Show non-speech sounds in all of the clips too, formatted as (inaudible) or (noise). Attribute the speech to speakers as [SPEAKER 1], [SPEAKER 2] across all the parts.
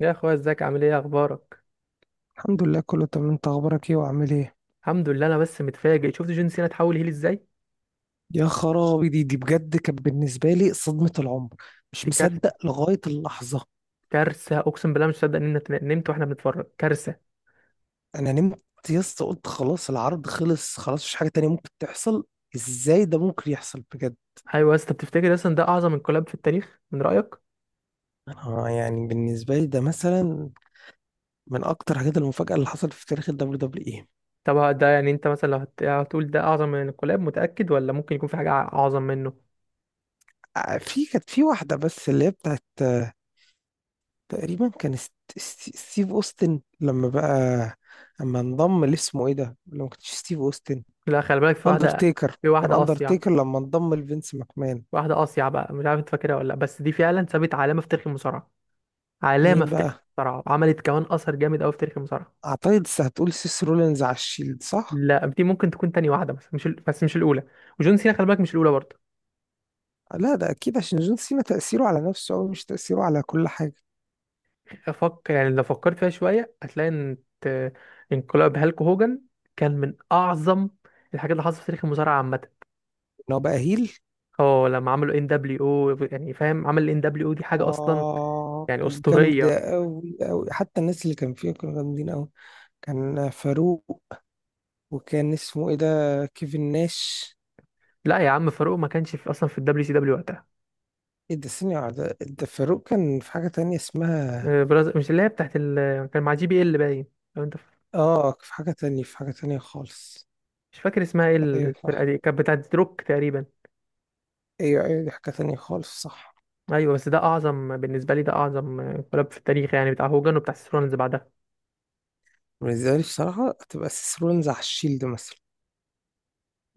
[SPEAKER 1] يا اخويا ازيك؟ عامل ايه؟ اخبارك؟
[SPEAKER 2] الحمد لله، كله تمام. انت اخبارك ايه وعامل ايه؟
[SPEAKER 1] الحمد لله. انا بس متفاجئ شفت جون سينا اتحول هيل ازاي.
[SPEAKER 2] يا خرابي، دي بجد كانت بالنسبه لي صدمه العمر. مش
[SPEAKER 1] دي كارثه،
[SPEAKER 2] مصدق لغايه اللحظه.
[SPEAKER 1] كارثه، اقسم بالله مش مصدق ان انت نمت واحنا بنتفرج. كارثه.
[SPEAKER 2] انا نمت. يا اسطى قلت خلاص، العرض خلص. خلاص، مش حاجه تانية ممكن تحصل. ازاي ده ممكن يحصل بجد؟
[SPEAKER 1] ايوه يا اسطى، بتفتكر اصلا ده اعظم انقلاب في التاريخ؟ من رايك
[SPEAKER 2] انا يعني بالنسبه لي ده مثلا من اكتر حاجات المفاجاه اللي حصلت في تاريخ الدبليو دبليو اي.
[SPEAKER 1] طب ده، يعني انت مثلا لو هتقول ده اعظم من انقلاب، متاكد ولا ممكن يكون في حاجه اعظم منه؟
[SPEAKER 2] اه، في كانت في واحده بس اللي هي بتاعت، تقريبا كان ستيف اوستن لما بقى، اما انضم، اللي اسمه ايه ده، لو ما كانش ستيف اوستن،
[SPEAKER 1] لا خلي بالك، في واحده،
[SPEAKER 2] اندرتيكر.
[SPEAKER 1] في
[SPEAKER 2] كان
[SPEAKER 1] واحده اصيع.
[SPEAKER 2] اندرتيكر لما انضم لفينس ماكمان.
[SPEAKER 1] واحده اصيع بقى مش عارف انت فاكرها ولا لا، بس دي فعلا سابت علامه في تاريخ المصارعه، علامه
[SPEAKER 2] مين
[SPEAKER 1] في تاريخ
[SPEAKER 2] بقى؟
[SPEAKER 1] المصارعه، وعملت كمان اثر جامد قوي في تاريخ المصارعه.
[SPEAKER 2] اعتقد هتقول سيس رولينز على الشيلد، صح؟
[SPEAKER 1] لا دي ممكن تكون تاني واحدة، بس مش ال... بس مش الأولى. وجون سينا خلي بالك مش الأولى برضه.
[SPEAKER 2] لا ده اكيد عشان جون سينا تأثيره على نفسه أوي، مش تأثيره على كل حاجة.
[SPEAKER 1] أفكر يعني لو فكرت فيها شوية هتلاقي إن انقلاب هالك هوجن كان من أعظم الحاجات اللي حصلت في تاريخ المصارعة عامة.
[SPEAKER 2] ان هو بقى هيل.
[SPEAKER 1] اه لما عملوا ان دبليو او، يعني فاهم عمل الان دبليو او دي حاجة أصلا،
[SPEAKER 2] اه،
[SPEAKER 1] يعني
[SPEAKER 2] كان جامد
[SPEAKER 1] أسطورية.
[SPEAKER 2] أوي أوي، حتى الناس اللي كان فيها كانوا جامدين أوي. كان فاروق، وكان اسمه ايه ده، كيفن ناش.
[SPEAKER 1] لا يا عم، فاروق ما كانش في أصلا في الدبليو سي دبليو وقتها.
[SPEAKER 2] ايه ده؟ ثانية ده فاروق كان في حاجة تانية اسمها،
[SPEAKER 1] مش اللي هي بتاعت ال... كان مع جي بي ال باين. لو أنت ف-
[SPEAKER 2] اه، في حاجة تانية، في حاجة تانية خالص.
[SPEAKER 1] مش فاكر اسمها ايه
[SPEAKER 2] ايوه
[SPEAKER 1] الفرقة
[SPEAKER 2] صح.
[SPEAKER 1] دي، كانت بتاعت روك تقريبا.
[SPEAKER 2] ايوه ايوه، دي حاجة تانية خالص، صح.
[SPEAKER 1] ايوه بس ده اعظم، بالنسبه لي ده اعظم انقلاب في التاريخ، يعني بتاع هوجن وبتاع سيسرون اللي بعدها.
[SPEAKER 2] بالنسبة لي بصراحة هتبقى سيسرونز على الشيلد مثلا.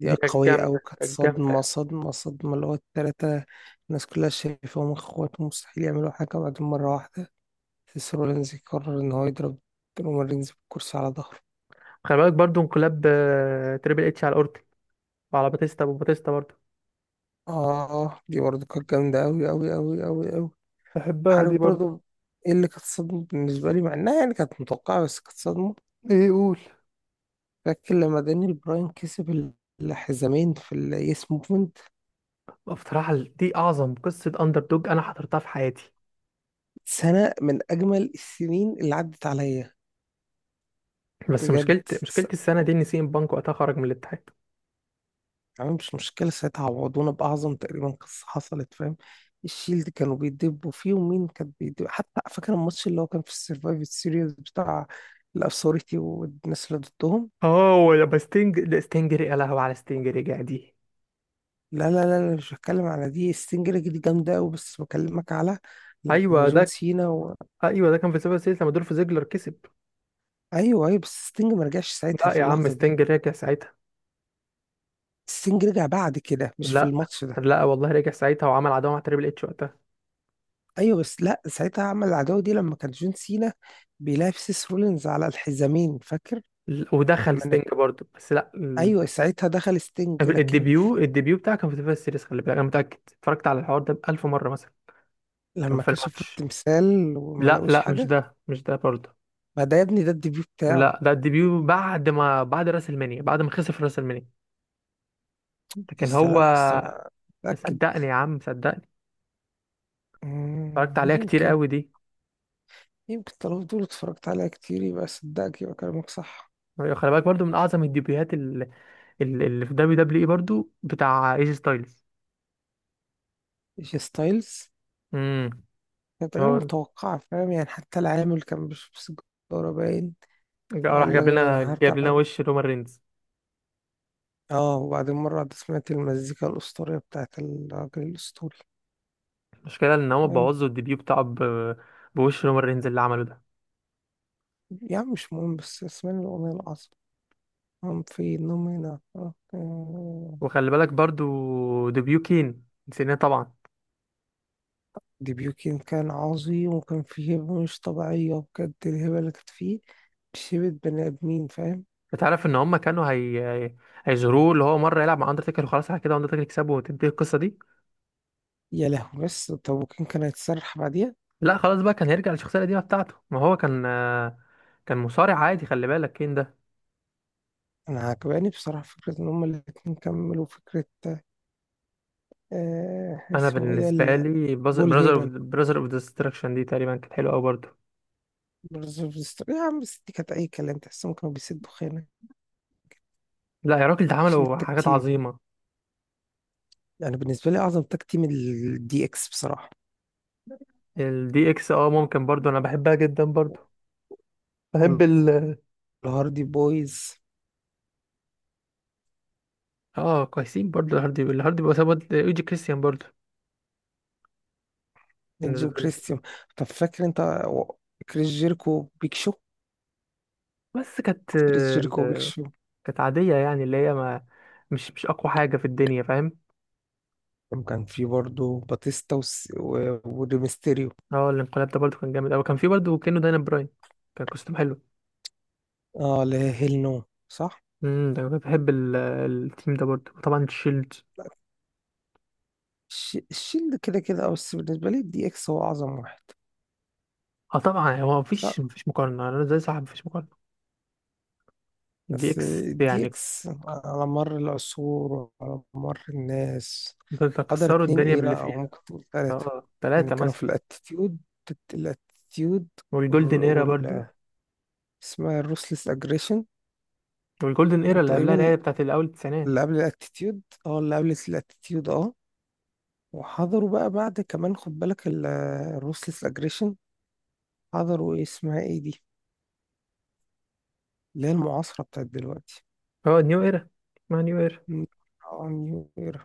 [SPEAKER 2] دي
[SPEAKER 1] دي كانت
[SPEAKER 2] قوية أوي،
[SPEAKER 1] جامده،
[SPEAKER 2] كانت
[SPEAKER 1] كانت
[SPEAKER 2] صدمة
[SPEAKER 1] جامده.
[SPEAKER 2] صدمة صدمة، اللي هو التلاتة. الناس كلها شايفاهم اخوات، مستحيل يعملوا حاجة، بعدين مرة واحدة سيسرونز يقرر إن هو يضرب رومارينز بالكرسي على ظهره.
[SPEAKER 1] خلي بالك برضو انقلاب تريبل اتش على اورتن وعلى باتيستا، وباتيستا برضو
[SPEAKER 2] اه، دي برضه كانت جامدة أوي أوي أوي أوي أوي.
[SPEAKER 1] بحبها
[SPEAKER 2] عارف
[SPEAKER 1] دي برضه.
[SPEAKER 2] برضه، ايه اللي كانت صدمة بالنسبة لي مع إنها يعني كانت متوقعة بس كانت صدمة؟
[SPEAKER 1] ايه؟ قول.
[SPEAKER 2] فاكر لما دانيال براين كسب الحزامين في اليس موفمنت؟
[SPEAKER 1] بصراحه دي اعظم قصه اندر دوج انا حضرتها في حياتي.
[SPEAKER 2] سنة من أجمل السنين اللي عدت عليا.
[SPEAKER 1] بس
[SPEAKER 2] بجد.
[SPEAKER 1] مشكله
[SPEAKER 2] س-
[SPEAKER 1] السنه دي ان سي ام بانك وقتها خرج من الاتحاد.
[SPEAKER 2] أنا مش مشكلة ساعتها، عوضونا بأعظم تقريبا قصة حصلت، فاهم؟ الشيلد كانوا بيدبوا فيه، ومين كان بيدب؟ حتى فاكر الماتش اللي هو كان في السرفايف سيريز بتاع الأثوريتي والناس اللي ضدهم.
[SPEAKER 1] اه ولما ستينج، لا يا لهوي على ستينج، رجع دي.
[SPEAKER 2] لا لا لا لا، مش بتكلم على دي. ستينج دي جامدة أوي، بس بكلمك على لما
[SPEAKER 1] ايوه
[SPEAKER 2] جون
[SPEAKER 1] ده
[SPEAKER 2] سينا
[SPEAKER 1] ايوه ده كان في سيفر سيلز لما دول في زيجلر كسب.
[SPEAKER 2] أيوه أيوه، بس ستينج ما رجعش ساعتها
[SPEAKER 1] لا
[SPEAKER 2] في
[SPEAKER 1] يا عم،
[SPEAKER 2] اللحظة دي.
[SPEAKER 1] ستينج رجع ساعتها.
[SPEAKER 2] ستينج رجع بعد كده، مش في
[SPEAKER 1] لا،
[SPEAKER 2] الماتش ده.
[SPEAKER 1] لا والله رجع ساعتها وعمل عداوه مع تريبل اتش وقتها.
[SPEAKER 2] ايوه بس لا، ساعتها عمل العداوه دي لما كان جون سينا بيلعب سيس رولينز على الحزامين، فاكر؟
[SPEAKER 1] ودخل
[SPEAKER 2] لما
[SPEAKER 1] ستينج
[SPEAKER 2] نت...
[SPEAKER 1] برضه، بس لا ال-
[SPEAKER 2] ايوه ساعتها دخل ستينج، لكن
[SPEAKER 1] الديبيو، الديبيو بتاعه كان في تلفزيون السيريس، خلي بالك انا متاكد اتفرجت على الحوار ده بألف مره مثلا. كان
[SPEAKER 2] لما
[SPEAKER 1] في
[SPEAKER 2] كشفوا
[SPEAKER 1] الماتش.
[SPEAKER 2] التمثال وما
[SPEAKER 1] لا
[SPEAKER 2] لقوش
[SPEAKER 1] لا، مش
[SPEAKER 2] حاجه.
[SPEAKER 1] ده، مش ده برضه.
[SPEAKER 2] ما ده يا ابني ده الديبيو بتاعه.
[SPEAKER 1] لا ده الديبيو بعد راس المنيا، بعد ما خسر في راس المنيا، لكن
[SPEAKER 2] يس لا
[SPEAKER 1] هو.
[SPEAKER 2] يس، انا متاكد.
[SPEAKER 1] صدقني يا عم، صدقني، اتفرجت عليها كتير
[SPEAKER 2] يمكن.
[SPEAKER 1] قوي دي.
[SPEAKER 2] يمكن، طالما دول اتفرجت عليها كتير، يبقى صدقك، يبقى كلامك صح.
[SPEAKER 1] أيوة، خلي بالك برضه من اعظم الديبيوهات اللي في دبليو دبليو اي برضه بتاع ايجي ستايلز.
[SPEAKER 2] جي ستايلز.
[SPEAKER 1] امم.
[SPEAKER 2] كانت غير متوقعة، فاهم؟ يعني حتى العامل كان بيشرب سيجارة باين،
[SPEAKER 1] راح
[SPEAKER 2] وقال لك
[SPEAKER 1] جاب لنا
[SPEAKER 2] أنا هرجع.
[SPEAKER 1] جاب لنا وش رومان رينز.
[SPEAKER 2] اه، وبعدين مرة واحدة سمعت المزيكا الأسطورية بتاعت الراجل الأسطوري.
[SPEAKER 1] المشكله ان هو
[SPEAKER 2] يعني.
[SPEAKER 1] بوظوا الديبيو بتاعه بوش رومان رينز اللي عمله ده.
[SPEAKER 2] يعني مش مهم، بس اسمعني الأغنية العظيمة. هم في نومينا، آه، آه.
[SPEAKER 1] وخلي بالك برضو ديبيو كين نسيناه طبعا.
[SPEAKER 2] ديبيوكين كان عظيم، وكان فيه هبة مش طبيعية، بجد الهبة اللي كانت فيه مش هبة بني آدمين، فاهم؟
[SPEAKER 1] انت عارف ان هم كانوا هي- هيجروه اللي هو مره يلعب مع اندرتيكر وخلاص، على كده اندرتيكر يكسبه وتنتهي القصه دي.
[SPEAKER 2] يا لهوي، بس طب وكان كان هيتسرح بعديها؟
[SPEAKER 1] لا خلاص بقى، كان هيرجع للشخصيه القديمه بتاعته، ما هو كان كان مصارع عادي خلي بالك كين ده.
[SPEAKER 2] أنا عجباني بصراحة فكرة إن هما الاتنين كملوا فكرة.
[SPEAKER 1] انا
[SPEAKER 2] اسمه إيه ده،
[SPEAKER 1] بالنسبه لي
[SPEAKER 2] بول
[SPEAKER 1] براذر
[SPEAKER 2] هيمن.
[SPEAKER 1] اوف ديستراكشن دي تقريبا كانت حلوه قوي برضو.
[SPEAKER 2] يا عم بس دي كانت أي كلام، تحسهم كانوا بيسدوا خانة
[SPEAKER 1] لا يا راجل، ده
[SPEAKER 2] عشان
[SPEAKER 1] عملوا
[SPEAKER 2] التاك
[SPEAKER 1] حاجات
[SPEAKER 2] تيم.
[SPEAKER 1] عظيمه.
[SPEAKER 2] يعني بالنسبة لي أعظم تاك تيم الدي إكس، بصراحة.
[SPEAKER 1] الدي اكس اه، ممكن برضو انا بحبها جدا برضو. بحب ال.
[SPEAKER 2] والهاردي بويز.
[SPEAKER 1] اه كويسين برضو الهاردي، الهاردي بسبب ايجي كريستيان برضو،
[SPEAKER 2] إيدج
[SPEAKER 1] بالنسبه لي.
[SPEAKER 2] وكريستيان. طب فاكر أنت و- كريس جيركو وبيك شو؟
[SPEAKER 1] بس كانت
[SPEAKER 2] كريس جيركو وبيك شو.
[SPEAKER 1] كانت عاديه، يعني اللي هي ما مش، مش اقوى حاجه في الدنيا فاهم.
[SPEAKER 2] وكان في برضه باتيستا وريمستيريو.
[SPEAKER 1] اه الانقلاب ده برضو كان جامد قوي. كان في برضو كانه داينا براين، كان كوستوم حلو.
[SPEAKER 2] اه لا، هيل نو، صح؟
[SPEAKER 1] ده أنا بحب التيم ده برضو طبعا، الشيلد.
[SPEAKER 2] الشيلد كده كده، بس بالنسبة لي الدي إكس هو أعظم واحد.
[SPEAKER 1] اه طبعا هو
[SPEAKER 2] لا،
[SPEAKER 1] مفيش مقارنه، انا زي صاحب مفيش مقارنه. الدي
[SPEAKER 2] بس
[SPEAKER 1] اكس
[SPEAKER 2] الدي
[SPEAKER 1] يعني،
[SPEAKER 2] إكس على مر العصور وعلى مر الناس
[SPEAKER 1] كنت
[SPEAKER 2] حضر
[SPEAKER 1] كسروا
[SPEAKER 2] اتنين،
[SPEAKER 1] الدنيا
[SPEAKER 2] ايه
[SPEAKER 1] باللي
[SPEAKER 2] لا، او
[SPEAKER 1] فيها.
[SPEAKER 2] ممكن تقول تلاتة.
[SPEAKER 1] اه
[SPEAKER 2] يعني
[SPEAKER 1] ثلاثه
[SPEAKER 2] كانوا
[SPEAKER 1] مثلا.
[SPEAKER 2] في الاتيتيود، الاتيتيود،
[SPEAKER 1] والجولدن ايرا برضو،
[SPEAKER 2] وال، اسمها الروسلس اجريشن.
[SPEAKER 1] والجولدن ايرا اللي قبلها اللي هي
[SPEAKER 2] وتقريبا
[SPEAKER 1] بتاعت الاول التسعينات.
[SPEAKER 2] اللي قبل الاتيتيود، اللي قبل الاتيتيود، وحضروا بقى بعد كمان، خد بالك، الروسلس اجريشن. حضروا ايه اسمها ايه دي، اللي هي المعاصرة بتاعت دلوقتي؟
[SPEAKER 1] اه نيو ايرا، ما نيو ايرا،
[SPEAKER 2] م- اه، نيو ايرا.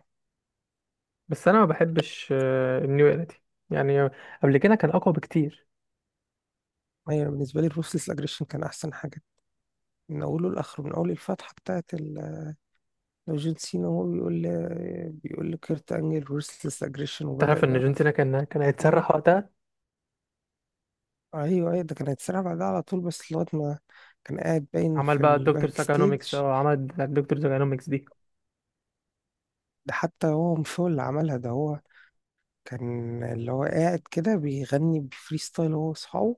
[SPEAKER 1] بس انا ما بحبش النيو ايرا دي، يعني قبل كده كان اقوى بكتير.
[SPEAKER 2] ايوه بالنسبة لي الروسلس اجريشن كان احسن حاجة من اوله لاخره، من اول الفتحة بتاعت لو جون سينا هو بيقول، بيقول لكيرت انجل ورثلس اجريشن وبدأ
[SPEAKER 1] تعرف ان جون
[SPEAKER 2] بقى.
[SPEAKER 1] سينا كان
[SPEAKER 2] هو
[SPEAKER 1] هيتسرح وقتها،
[SPEAKER 2] ايوه ايوه، ده كان هيتسرع بعدها على طول، بس لغايه ما كان قاعد باين
[SPEAKER 1] عمل
[SPEAKER 2] في
[SPEAKER 1] بقى الدكتور
[SPEAKER 2] الباك ستيج.
[SPEAKER 1] ساكانوميكس. اه عمل بتاعت الدكتور ساكانوميكس دي.
[SPEAKER 2] ده حتى هو مش هو اللي عملها، ده هو كان اللي هو قاعد كده بيغني بفري ستايل هو واصحابه،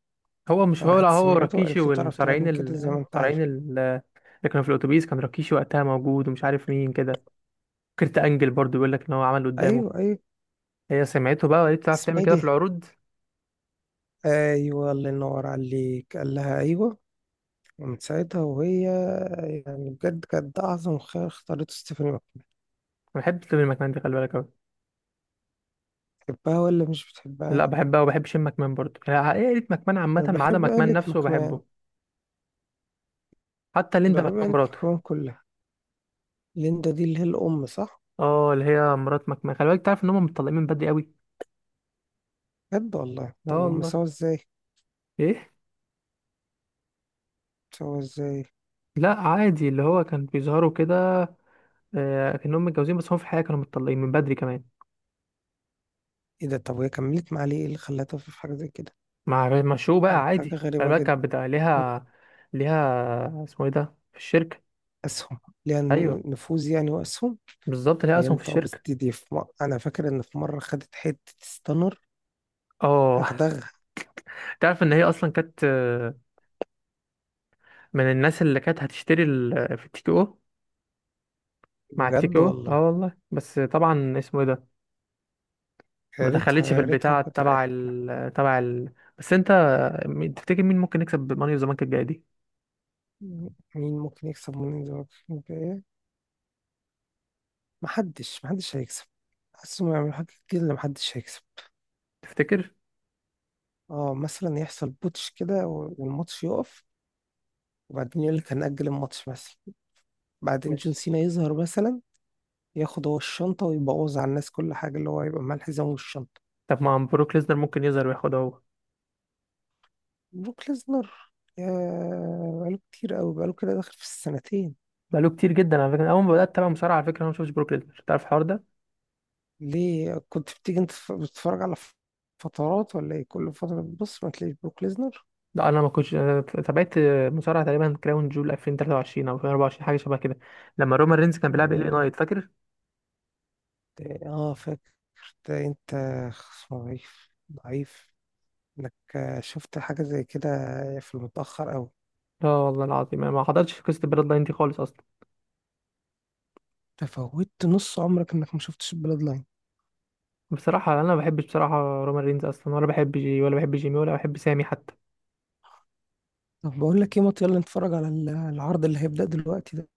[SPEAKER 1] هو مش هو، لا
[SPEAKER 2] فراحت
[SPEAKER 1] هو
[SPEAKER 2] سمعته
[SPEAKER 1] راكيشي
[SPEAKER 2] وقالت له تعرف
[SPEAKER 1] والمصارعين
[SPEAKER 2] تغني كده زي ما انت
[SPEAKER 1] المصارعين
[SPEAKER 2] عارف.
[SPEAKER 1] اللي كانوا في الاتوبيس، كان راكيشي وقتها موجود ومش عارف مين كده. كرت انجل برضو بيقول لك ان هو عمل قدامه،
[SPEAKER 2] ايوه ايوه.
[SPEAKER 1] هي سمعته بقى وقالت تعرف
[SPEAKER 2] اسمها
[SPEAKER 1] تعمل
[SPEAKER 2] ايه
[SPEAKER 1] كده في
[SPEAKER 2] دي؟
[SPEAKER 1] العروض.
[SPEAKER 2] ايوه الله ينور عليك، قال لها ايوه. ومن ساعتها وهي، يعني بجد، كانت ده اعظم خيار اختارته ستيفاني.
[SPEAKER 1] انا بحب تلمي المكان دي خلي بالك أوي.
[SPEAKER 2] بتحبها ولا مش
[SPEAKER 1] لا
[SPEAKER 2] بتحبها؟
[SPEAKER 1] بحبها، وبحب شم مكمان برضه، يعني عائلة مكمان عامة
[SPEAKER 2] انا
[SPEAKER 1] ما عدا
[SPEAKER 2] بحب
[SPEAKER 1] مكمان
[SPEAKER 2] آلة
[SPEAKER 1] نفسه
[SPEAKER 2] مكمان،
[SPEAKER 1] بحبه. حتى ليندا
[SPEAKER 2] بحب
[SPEAKER 1] مكمان
[SPEAKER 2] آلة
[SPEAKER 1] مراته،
[SPEAKER 2] مكمان كلها. ليندا دي اللي هي الام، صح؟
[SPEAKER 1] اه اللي هي مرات مكمان، خلي بالك تعرف ان هم متطلقين من بدري قوي.
[SPEAKER 2] بجد والله؟
[SPEAKER 1] لا
[SPEAKER 2] طب هم
[SPEAKER 1] والله.
[SPEAKER 2] سوا ازاي؟
[SPEAKER 1] ايه؟
[SPEAKER 2] سوا ازاي؟
[SPEAKER 1] لا عادي، اللي هو كان بيظهروا كده آه كانهم متجوزين، بس هم في الحقيقة كانوا متطلقين من بدري كمان.
[SPEAKER 2] ايه ده؟ طب وهي كملت مع ليه؟ ايه اللي خلاها تقف في حاجه زي كده؟
[SPEAKER 1] مع شو بقى،
[SPEAKER 2] يعني حاجه
[SPEAKER 1] عادي، خلي
[SPEAKER 2] غريبه
[SPEAKER 1] بالك
[SPEAKER 2] جدا.
[SPEAKER 1] كانت بتاع ليها، ليها اسمه ايه ده في الشركة.
[SPEAKER 2] اسهم. ليها.
[SPEAKER 1] ايوه،
[SPEAKER 2] نفوذ يعني واسهم.
[SPEAKER 1] بالظبط ليها اسهم في
[SPEAKER 2] فهمت. اه بس
[SPEAKER 1] الشركة.
[SPEAKER 2] دي في انا فاكر ان في مره خدت حته ستانر،
[SPEAKER 1] اه.
[SPEAKER 2] دغدغها.
[SPEAKER 1] (laughs) تعرف ان هي اصلا كانت من الناس اللي كانت هتشتري في التيكي او، مع التيكو
[SPEAKER 2] بجد
[SPEAKER 1] اه
[SPEAKER 2] والله.
[SPEAKER 1] والله. بس طبعا اسمه ايه ده،
[SPEAKER 2] يا
[SPEAKER 1] ما
[SPEAKER 2] ريتها
[SPEAKER 1] دخلتش في
[SPEAKER 2] يا ريتها،
[SPEAKER 1] البتاع
[SPEAKER 2] وكانت
[SPEAKER 1] تبع
[SPEAKER 2] ريحتنا.
[SPEAKER 1] ال تبع ال بس انت تفتكر مين ممكن يكسب ماني اوف ذا بانك الجايه دي؟
[SPEAKER 2] مين ممكن يكسب من دلوقتي؟ محدش، محدش هيكسب. حاسس انه يعملوا حاجة كده اللي محدش هيكسب.
[SPEAKER 1] تفتكر؟
[SPEAKER 2] اه مثلا يحصل بوتش كده والماتش يقف، وبعدين يقول لك هنأجل الماتش مثلا، بعدين
[SPEAKER 1] مش،
[SPEAKER 2] جون سينا يظهر مثلا، ياخد هو الشنطة ويبوظ على الناس كل حاجة، اللي هو يبقى معاه الحزام والشنطة.
[SPEAKER 1] طب ما عم بروك ليزنر ممكن يظهر وياخدها هو.
[SPEAKER 2] بروك ليزنر. يا. بقاله كتير قوي، بقاله كده داخل في السنتين.
[SPEAKER 1] بقاله كتير جدا على فكره. اول ما بدات اتابع مصارعه، على فكره، انا ما شفتش بروك ليزنر، تعرف الحوار ده.
[SPEAKER 2] ليه كنت بتيجي انت بتتفرج على فترات ولا ايه؟ كل فترة بتبص ما تلاقيش بروك
[SPEAKER 1] لا انا ما كنتش، أنا تابعت مصارعه تقريبا كراون جول 2023 او 2024، حاجه شبه كده، لما رومان رينز كان بيلعب ال
[SPEAKER 2] ليزنر.
[SPEAKER 1] نايت فاكر.
[SPEAKER 2] اه فاكر. انت ضعيف ضعيف انك شفت حاجة زي كده في المتأخر أوي.
[SPEAKER 1] لا والله العظيم انا ما حضرتش قصه البلاد لاين دي خالص اصلا.
[SPEAKER 2] تفوتت نص عمرك انك ما شفتش البلاد لاين.
[SPEAKER 1] بصراحة أنا ما بحبش بصراحة رومان رينز أصلا، ولا بحب جي، ولا بحب جيمي، ولا بحب سامي حتى.
[SPEAKER 2] طب بقول لك ايه مات، يلا نتفرج على العرض اللي هيبدأ دلوقتي ده.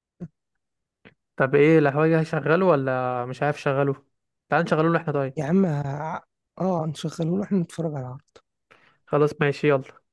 [SPEAKER 1] طب ايه الهواجة؟ هشغله ولا مش عارف شغله؟ تعال نشغله له احنا طيب.
[SPEAKER 2] يا عم اه نشغله له احنا، نتفرج على العرض.
[SPEAKER 1] خلاص ماشي، يلا.